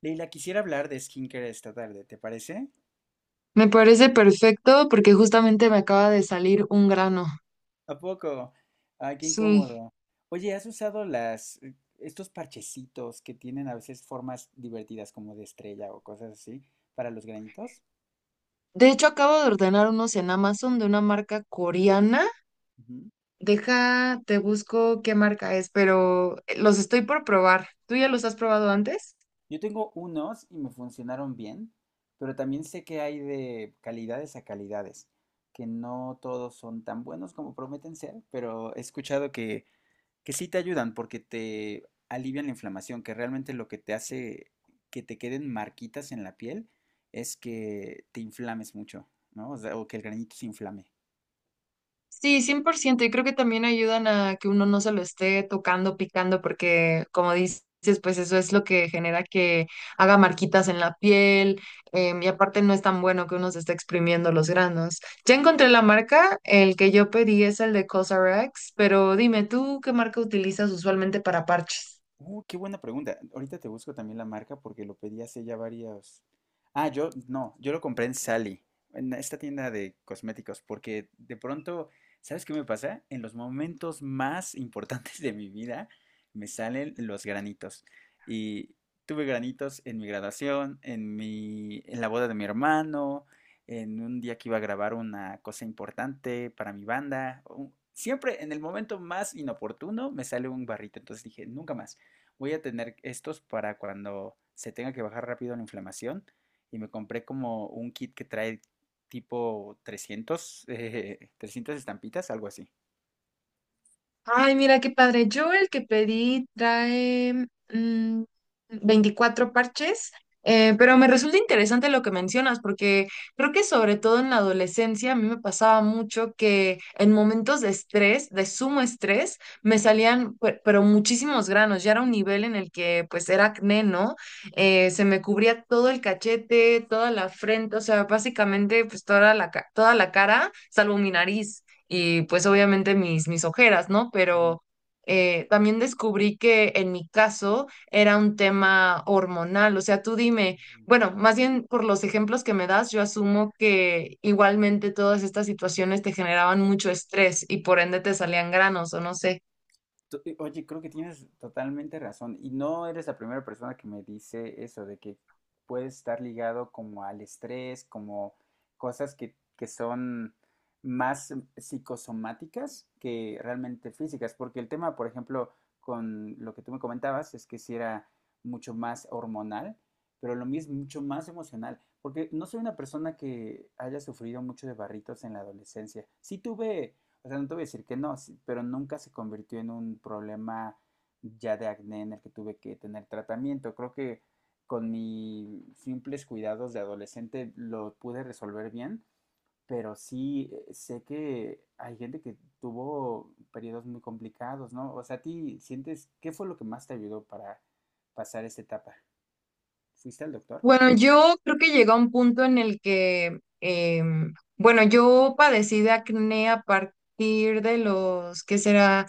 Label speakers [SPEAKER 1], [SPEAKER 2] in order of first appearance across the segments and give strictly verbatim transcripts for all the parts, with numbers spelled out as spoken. [SPEAKER 1] Leila, quisiera hablar de skincare esta tarde, ¿te parece?
[SPEAKER 2] Me parece perfecto porque justamente me acaba de salir un grano.
[SPEAKER 1] ¿A poco? Ay, qué
[SPEAKER 2] Sí.
[SPEAKER 1] incómodo. Oye, ¿has usado las, eh, estos parchecitos que tienen a veces formas divertidas como de estrella o cosas así para los granitos?
[SPEAKER 2] De hecho, acabo de ordenar unos en Amazon de una marca coreana.
[SPEAKER 1] Ujú.
[SPEAKER 2] Deja, te busco qué marca es, pero eh, los estoy por probar. ¿Tú ya los has probado antes?
[SPEAKER 1] Yo tengo unos y me funcionaron bien, pero también sé que hay de calidades a calidades, que no todos son tan buenos como prometen ser, pero he escuchado que que sí te ayudan porque te alivian la inflamación, que realmente lo que te hace que te queden marquitas en la piel es que te inflames mucho, ¿no? O sea, o que el granito se inflame.
[SPEAKER 2] Sí, cien por ciento. Y creo que también ayudan a que uno no se lo esté tocando, picando, porque como dices, pues eso es lo que genera que haga marquitas en la piel. Em, y aparte no es tan bueno que uno se esté exprimiendo los granos. Ya encontré la marca, el que yo pedí es el de CosRX, pero dime tú, ¿qué marca utilizas usualmente para parches?
[SPEAKER 1] Uh, qué buena pregunta. Ahorita te busco también la marca porque lo pedí hace ya varios. Ah, yo no, yo lo compré en Sally, en esta tienda de cosméticos, porque de pronto, ¿sabes qué me pasa? En los momentos más importantes de mi vida me salen los granitos. Y tuve granitos en mi graduación, en mi, en la boda de mi hermano, en un día que iba a grabar una cosa importante para mi banda. u- Siempre en el momento más inoportuno me sale un barrito, entonces dije, nunca más voy a tener estos para cuando se tenga que bajar rápido la inflamación. Y me compré como un kit que trae tipo trescientas, eh, trescientas estampitas, algo así.
[SPEAKER 2] Ay, mira qué padre. Yo el que pedí trae mm, veinticuatro parches, eh, pero me resulta interesante lo que mencionas, porque creo que sobre todo en la adolescencia a mí me pasaba mucho que en momentos de estrés, de sumo estrés, me
[SPEAKER 1] Ujú,
[SPEAKER 2] salían pe- pero muchísimos granos. Ya era un nivel en el que pues era acné, ¿no? Eh, se me cubría todo el cachete, toda la frente, o sea, básicamente pues toda la, ca- toda la cara, salvo mi nariz y pues obviamente mis, mis ojeras, ¿no?
[SPEAKER 1] ujú,
[SPEAKER 2] Pero eh, también descubrí que en mi caso era un tema hormonal, o sea, tú dime,
[SPEAKER 1] ujú.
[SPEAKER 2] bueno, más bien por los ejemplos que me das, yo asumo que igualmente todas estas situaciones te generaban mucho estrés y por ende te salían granos o no sé.
[SPEAKER 1] To- eh, Oye, creo que tienes totalmente razón. Y no eres la primera persona que me dice eso, de que puede estar ligado como al estrés, como cosas que, que son más mm, psicosomáticas que realmente físicas. Porque el tema, por ejemplo, con lo que tú me comentabas, es que si era mucho más hormonal, pero lo mismo, mucho más emocional. Porque no soy una persona que haya sufrido mucho de barritos en la adolescencia. Sí tuve, o sea, no te voy a decir que no, sí, pero nunca se convirtió en un problema ya de acné en el que tuve que tener tratamiento. Creo que con mis simples cuidados de adolescente lo pude resolver bien, pero sí, eh, sé que hay gente que tuvo periodos muy complicados, ¿no? O sea, ¿a ti sientes qué fue lo que más te ayudó para pasar esta etapa? ¿Fuiste al doctor?
[SPEAKER 2] Bueno, yo creo que llegó a un punto en el que, em, bueno, yo padecí de acné a partir de los, ¿qué será?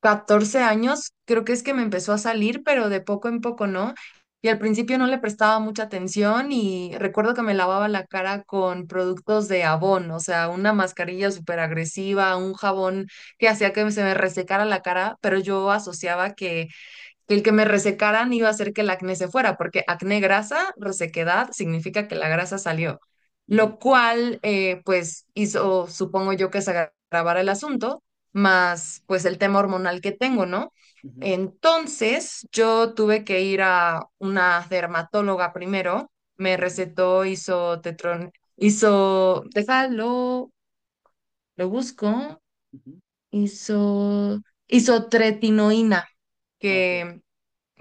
[SPEAKER 2] Catorce años, creo que es que me empezó a salir, pero de poco en poco, ¿no? Y al principio no le prestaba mucha atención y recuerdo que me lavaba la cara con productos de Avon, o sea, una mascarilla súper agresiva, un jabón que hacía que se me resecara la cara, pero yo asociaba que que el que me resecaran iba a hacer que el acné se fuera, porque acné grasa, resequedad, significa que la grasa salió,
[SPEAKER 1] Ujú,
[SPEAKER 2] lo cual eh, pues hizo, supongo yo, que se agra- agravara el asunto, más pues el tema hormonal que tengo, ¿no?
[SPEAKER 1] ujú,
[SPEAKER 2] Entonces yo tuve que ir a una dermatóloga primero, me
[SPEAKER 1] ujú,
[SPEAKER 2] recetó isotetron, hizo, déjalo, lo busco,
[SPEAKER 1] ujú.
[SPEAKER 2] hizo, isotretinoína,
[SPEAKER 1] Ok.
[SPEAKER 2] que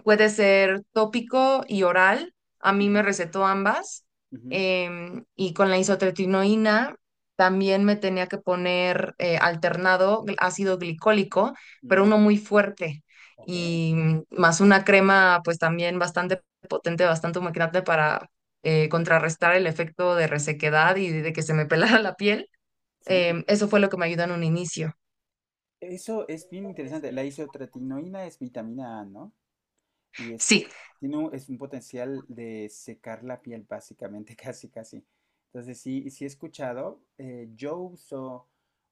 [SPEAKER 2] puede ser tópico y oral. A mí me
[SPEAKER 1] Ujú,
[SPEAKER 2] recetó ambas.
[SPEAKER 1] ujú,
[SPEAKER 2] Em, y con la isotretinoína también me tenía que poner eh, alternado gl- ácido glicólico, pero
[SPEAKER 1] mm,
[SPEAKER 2] uno muy fuerte.
[SPEAKER 1] ok.
[SPEAKER 2] Y mm, más una crema, pues también bastante potente, bastante humectante para eh, contrarrestar el efecto de resequedad y de que se me pelara la piel.
[SPEAKER 1] Sí.
[SPEAKER 2] Em, eso fue lo que me ayudó en un inicio.
[SPEAKER 1] Eso es bien interesante. La isotretinoína es vitamina A, ¿no? Y es,
[SPEAKER 2] Sí.
[SPEAKER 1] tiene un, es un potencial de secar la piel, básicamente, casi, casi. Entonces, sí, sí he escuchado. Eh, yo uso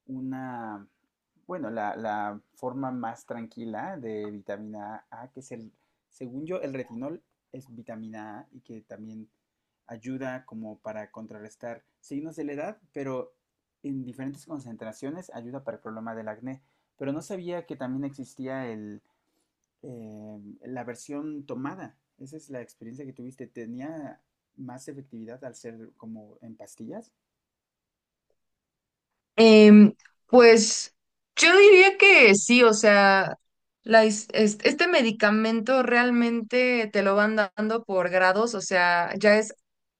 [SPEAKER 1] una, bueno, la, la forma más tranquila de vitamina A, que es el, según yo, el retinol es vitamina A y que también ayuda como para contrarrestar signos de la edad, pero en diferentes concentraciones ayuda para el problema del acné. Pero no sabía que también existía, eh, la versión tomada. Esa es la experiencia que tuviste. ¿Tenía más efectividad al ser como en pastillas?
[SPEAKER 2] Em, pues yo diría que sí, o sea, la is- es- este medicamento realmente te lo van dando por grados, o sea, ya es,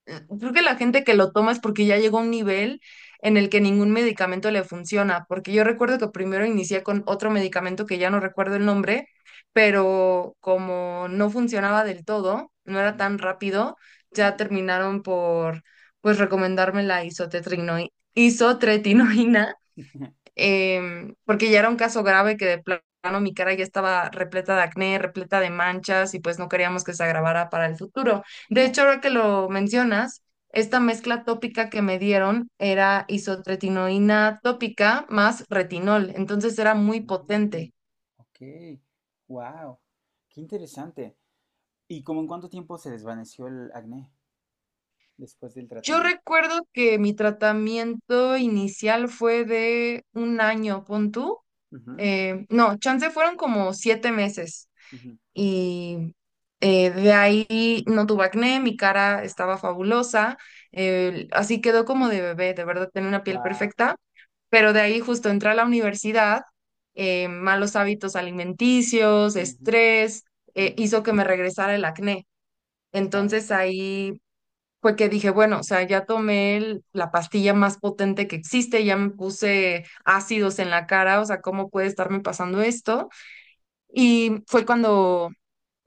[SPEAKER 2] eh, creo que la gente que lo toma es porque ya llegó a un nivel en el que ningún medicamento le funciona, porque yo recuerdo que primero inicié con otro medicamento que ya no recuerdo el nombre, pero como no funcionaba del todo, no era
[SPEAKER 1] Ujú,
[SPEAKER 2] tan rápido,
[SPEAKER 1] ujú.
[SPEAKER 2] ya terminaron por, pues, recomendarme la isotretrino- isotretinoína. Em, porque ya era un caso grave que de plano mi cara ya estaba repleta de acné, repleta de manchas y pues no queríamos que se agravara para el futuro. De hecho,
[SPEAKER 1] Claro.
[SPEAKER 2] ahora que lo mencionas, esta mezcla tópica que me dieron era isotretinoína tópica más retinol, entonces era muy
[SPEAKER 1] Mm,
[SPEAKER 2] potente.
[SPEAKER 1] ok, wow, qué interesante. ¿Y como en cuánto tiempo se desvaneció el acné después del
[SPEAKER 2] Yo
[SPEAKER 1] tratamiento?
[SPEAKER 2] recuerdo que mi tratamiento inicial fue de un año, pon tú.
[SPEAKER 1] Wow,
[SPEAKER 2] Eh, no, chance fueron como siete meses
[SPEAKER 1] ujú,
[SPEAKER 2] y eh, de ahí no tuve acné, mi cara estaba fabulosa, eh, así quedó como de bebé, de verdad tenía una piel
[SPEAKER 1] wow.
[SPEAKER 2] perfecta, pero de ahí justo entré a la universidad, eh, malos hábitos alimenticios,
[SPEAKER 1] Ujú,
[SPEAKER 2] estrés, eh,
[SPEAKER 1] ujú,
[SPEAKER 2] hizo que me regresara el acné.
[SPEAKER 1] claro,
[SPEAKER 2] Entonces ahí fue que dije, bueno, o sea, ya tomé el- la pastilla más potente que existe, ya me puse ácidos en la cara, o sea, ¿cómo puede estarme pasando esto? Y fue cuando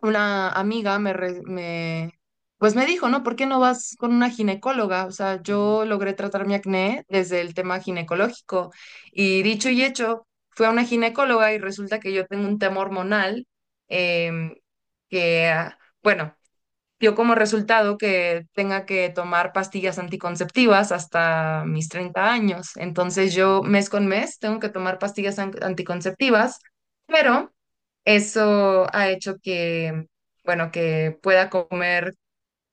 [SPEAKER 2] una amiga me, re- me, pues me dijo, ¿no? ¿Por qué no vas con una ginecóloga? O sea,
[SPEAKER 1] ujú.
[SPEAKER 2] yo logré tratar mi acné desde el tema ginecológico y dicho y hecho, fui a una ginecóloga y resulta que yo tengo un tema hormonal, em, que, ah, bueno, dio como resultado que tenga que tomar pastillas anticonceptivas hasta mis treinta años. Entonces yo
[SPEAKER 1] Ok,
[SPEAKER 2] mes con mes tengo que tomar pastillas an- anticonceptivas, pero eso ha hecho que, bueno, que pueda comer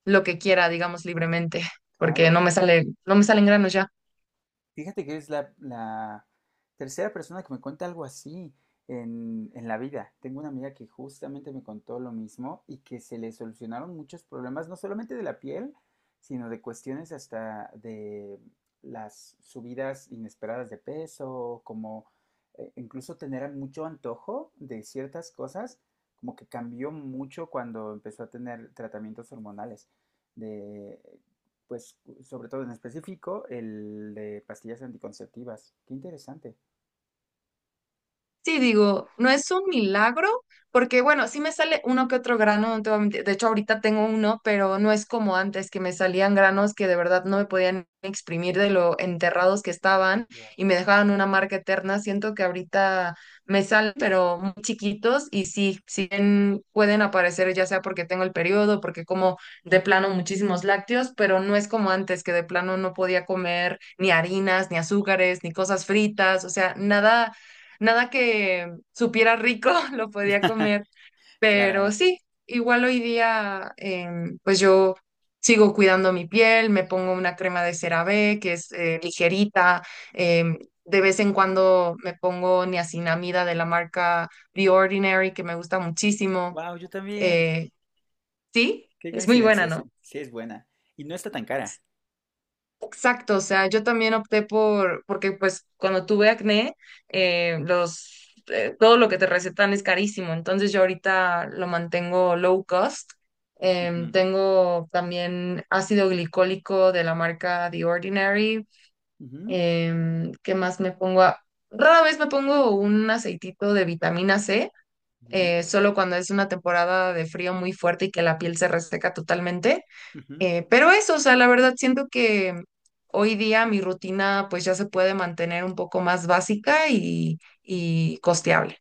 [SPEAKER 2] lo que quiera, digamos, libremente, porque
[SPEAKER 1] claro.
[SPEAKER 2] no me sale, no me salen granos ya.
[SPEAKER 1] Fíjate que es la, la tercera persona que me cuenta algo así en, en la vida. Tengo una amiga que justamente me contó lo mismo y que se le solucionaron muchos problemas, no solamente de la piel, sino de cuestiones hasta de las subidas inesperadas de peso, como eh, incluso tener mucho antojo de ciertas cosas, como que cambió mucho cuando empezó a tener tratamientos hormonales, de pues sobre todo en específico, el de pastillas anticonceptivas. Qué interesante.
[SPEAKER 2] Sí, digo, no es un milagro, porque bueno, sí me sale uno que otro grano, no te voy a mentir. De hecho, ahorita tengo uno, pero no es como antes, que me salían granos que de verdad no me podían exprimir de lo enterrados que estaban y me dejaban una marca eterna. Siento que ahorita me salen, pero muy chiquitos y sí, sí en- pueden aparecer, ya sea porque tengo el periodo, porque como de plano muchísimos lácteos, pero no es como antes, que de plano no podía comer ni harinas, ni azúcares, ni cosas fritas, o sea, nada nada que supiera rico lo podía comer, pero
[SPEAKER 1] Caray.
[SPEAKER 2] sí, igual hoy día em, pues yo sigo cuidando mi piel, me pongo una crema de CeraVe que es eh, ligerita, em, de vez en cuando me pongo niacinamida de la marca The Ordinary que me gusta muchísimo.
[SPEAKER 1] Wow, yo también.
[SPEAKER 2] eh, sí,
[SPEAKER 1] Qué
[SPEAKER 2] es muy buena,
[SPEAKER 1] coincidencia, sí.
[SPEAKER 2] ¿no?
[SPEAKER 1] Sí, es buena. Y no está tan cara.
[SPEAKER 2] Exacto, o sea, yo también opté por, porque pues cuando tuve acné, eh, los, eh, todo lo que te recetan es carísimo, entonces yo ahorita lo mantengo low cost. Em,
[SPEAKER 1] Ujú,
[SPEAKER 2] tengo también ácido glicólico de la marca The Ordinary.
[SPEAKER 1] ujú,
[SPEAKER 2] Em, ¿qué más me pongo? A- Rara vez me pongo un aceitito de vitamina C,
[SPEAKER 1] ujú,
[SPEAKER 2] eh, solo cuando es una temporada de frío muy fuerte y que la piel se reseca totalmente.
[SPEAKER 1] ujú.
[SPEAKER 2] Eh, pero eso, o sea, la verdad siento que hoy día mi rutina pues ya se puede mantener un poco más básica y, y costeable.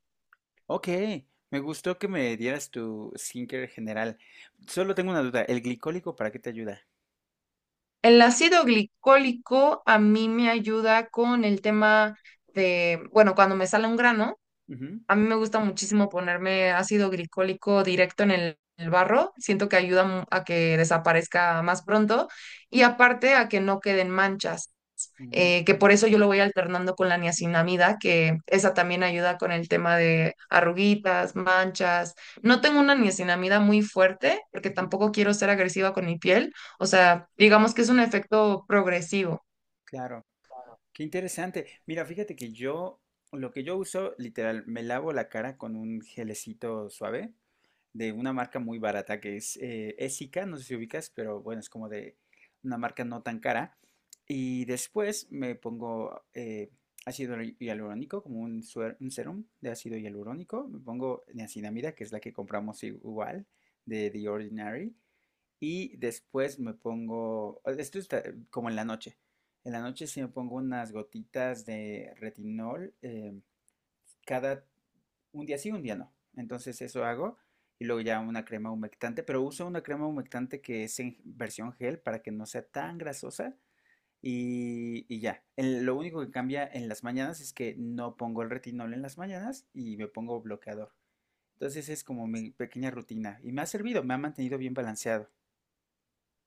[SPEAKER 1] Ok, me gustó que me dieras tu skincare general. Solo tengo una duda. ¿El glicólico para qué te ayuda?
[SPEAKER 2] El ácido glicólico a mí me ayuda con el tema de, bueno, cuando me sale un grano,
[SPEAKER 1] Ujú,
[SPEAKER 2] a mí me gusta muchísimo ponerme ácido glicólico directo en el, el barro, siento que ayuda mu- a que desaparezca más pronto y aparte a que no queden manchas. Eh, que
[SPEAKER 1] mm,
[SPEAKER 2] por eso yo lo voy alternando con la niacinamida, que esa también ayuda con el tema de arruguitas, manchas. No tengo una niacinamida muy fuerte porque
[SPEAKER 1] ujú,
[SPEAKER 2] tampoco quiero ser agresiva con mi piel, o sea, digamos que es un efecto progresivo.
[SPEAKER 1] claro. Qué interesante. Mira, fíjate que yo, lo que yo uso, literal, me lavo la cara con un gelecito suave de una marca muy barata que es, eh, Essica, no sé si ubicas, pero bueno, es como de una marca no tan cara. Y después me pongo, eh, ácido hialurónico, como un, suer- un serum de ácido hialurónico. Me pongo niacinamida, que es la que compramos igual, de The Ordinary. Y después me pongo, eh, esto está, eh, como en la noche. En la noche sí me pongo unas gotitas de retinol, eh, cada un día sí, un día no. Entonces eso hago y luego ya una crema humectante, pero uso una crema humectante que es en versión gel para que no sea tan grasosa y, y ya. El- lo único que cambia en las mañanas es que no pongo el retinol en las mañanas y me pongo bloqueador. Entonces es como mi pequeña rutina y me ha servido, me ha mantenido bien balanceado.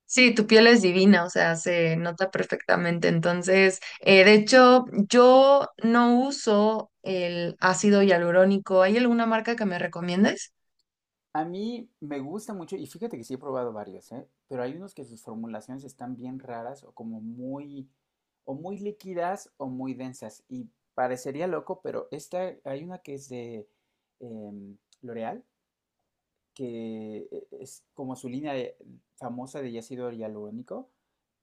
[SPEAKER 2] Sí, tu piel es divina, o sea, se nota perfectamente. Entonces, eh, de hecho, yo no uso el ácido hialurónico. ¿Hay alguna marca que me recomiendes?
[SPEAKER 1] A mí me gusta mucho, y fíjate que sí he probado varios, ¿eh? Pero hay unos que sus formulaciones están bien raras o como muy, o muy líquidas o muy densas. Y parecería loco, pero esta, hay una que es de em, L'Oreal, que, eh, es como su línea de- famosa de ácido hialurónico,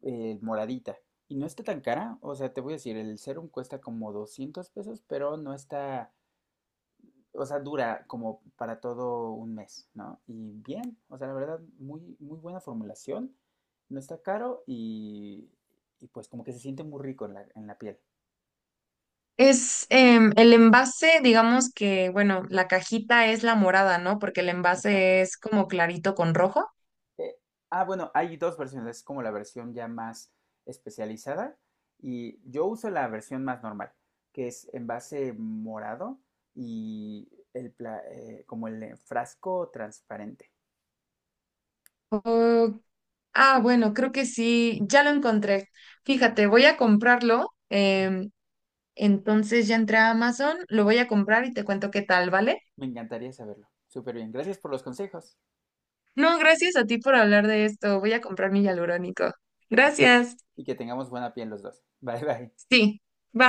[SPEAKER 1] eh, moradita. Y no está tan cara, o sea, te voy a decir, el serum cuesta como doscientos pesos, pero no está, o sea, dura como para todo un mes, ¿no? Y bien, o sea, la verdad, muy, muy buena formulación, no está caro y, y pues como que se siente muy rico en la, en la piel.
[SPEAKER 2] Es em, el envase, digamos que, bueno, la cajita es la morada, ¿no? Porque el
[SPEAKER 1] Eso.
[SPEAKER 2] envase es como clarito con rojo.
[SPEAKER 1] Eh, ah, bueno, hay dos versiones, es como la versión ya más especializada y yo uso la versión más normal, que es en base morado y el, pla- eh, como el, eh, frasco transparente.
[SPEAKER 2] Oh, ah, bueno, creo que sí, ya lo encontré.
[SPEAKER 1] Súper.
[SPEAKER 2] Fíjate, voy a comprarlo. Em, entonces ya entré a Amazon, lo voy a comprar y te cuento qué tal, ¿vale?
[SPEAKER 1] Me encantaría saberlo. Súper bien, gracias por los consejos.
[SPEAKER 2] No, gracias a ti por hablar de esto. Voy a comprar mi hialurónico.
[SPEAKER 1] Y,
[SPEAKER 2] Gracias.
[SPEAKER 1] y que tengamos buena piel los dos. Bye bye.
[SPEAKER 2] Sí, bye.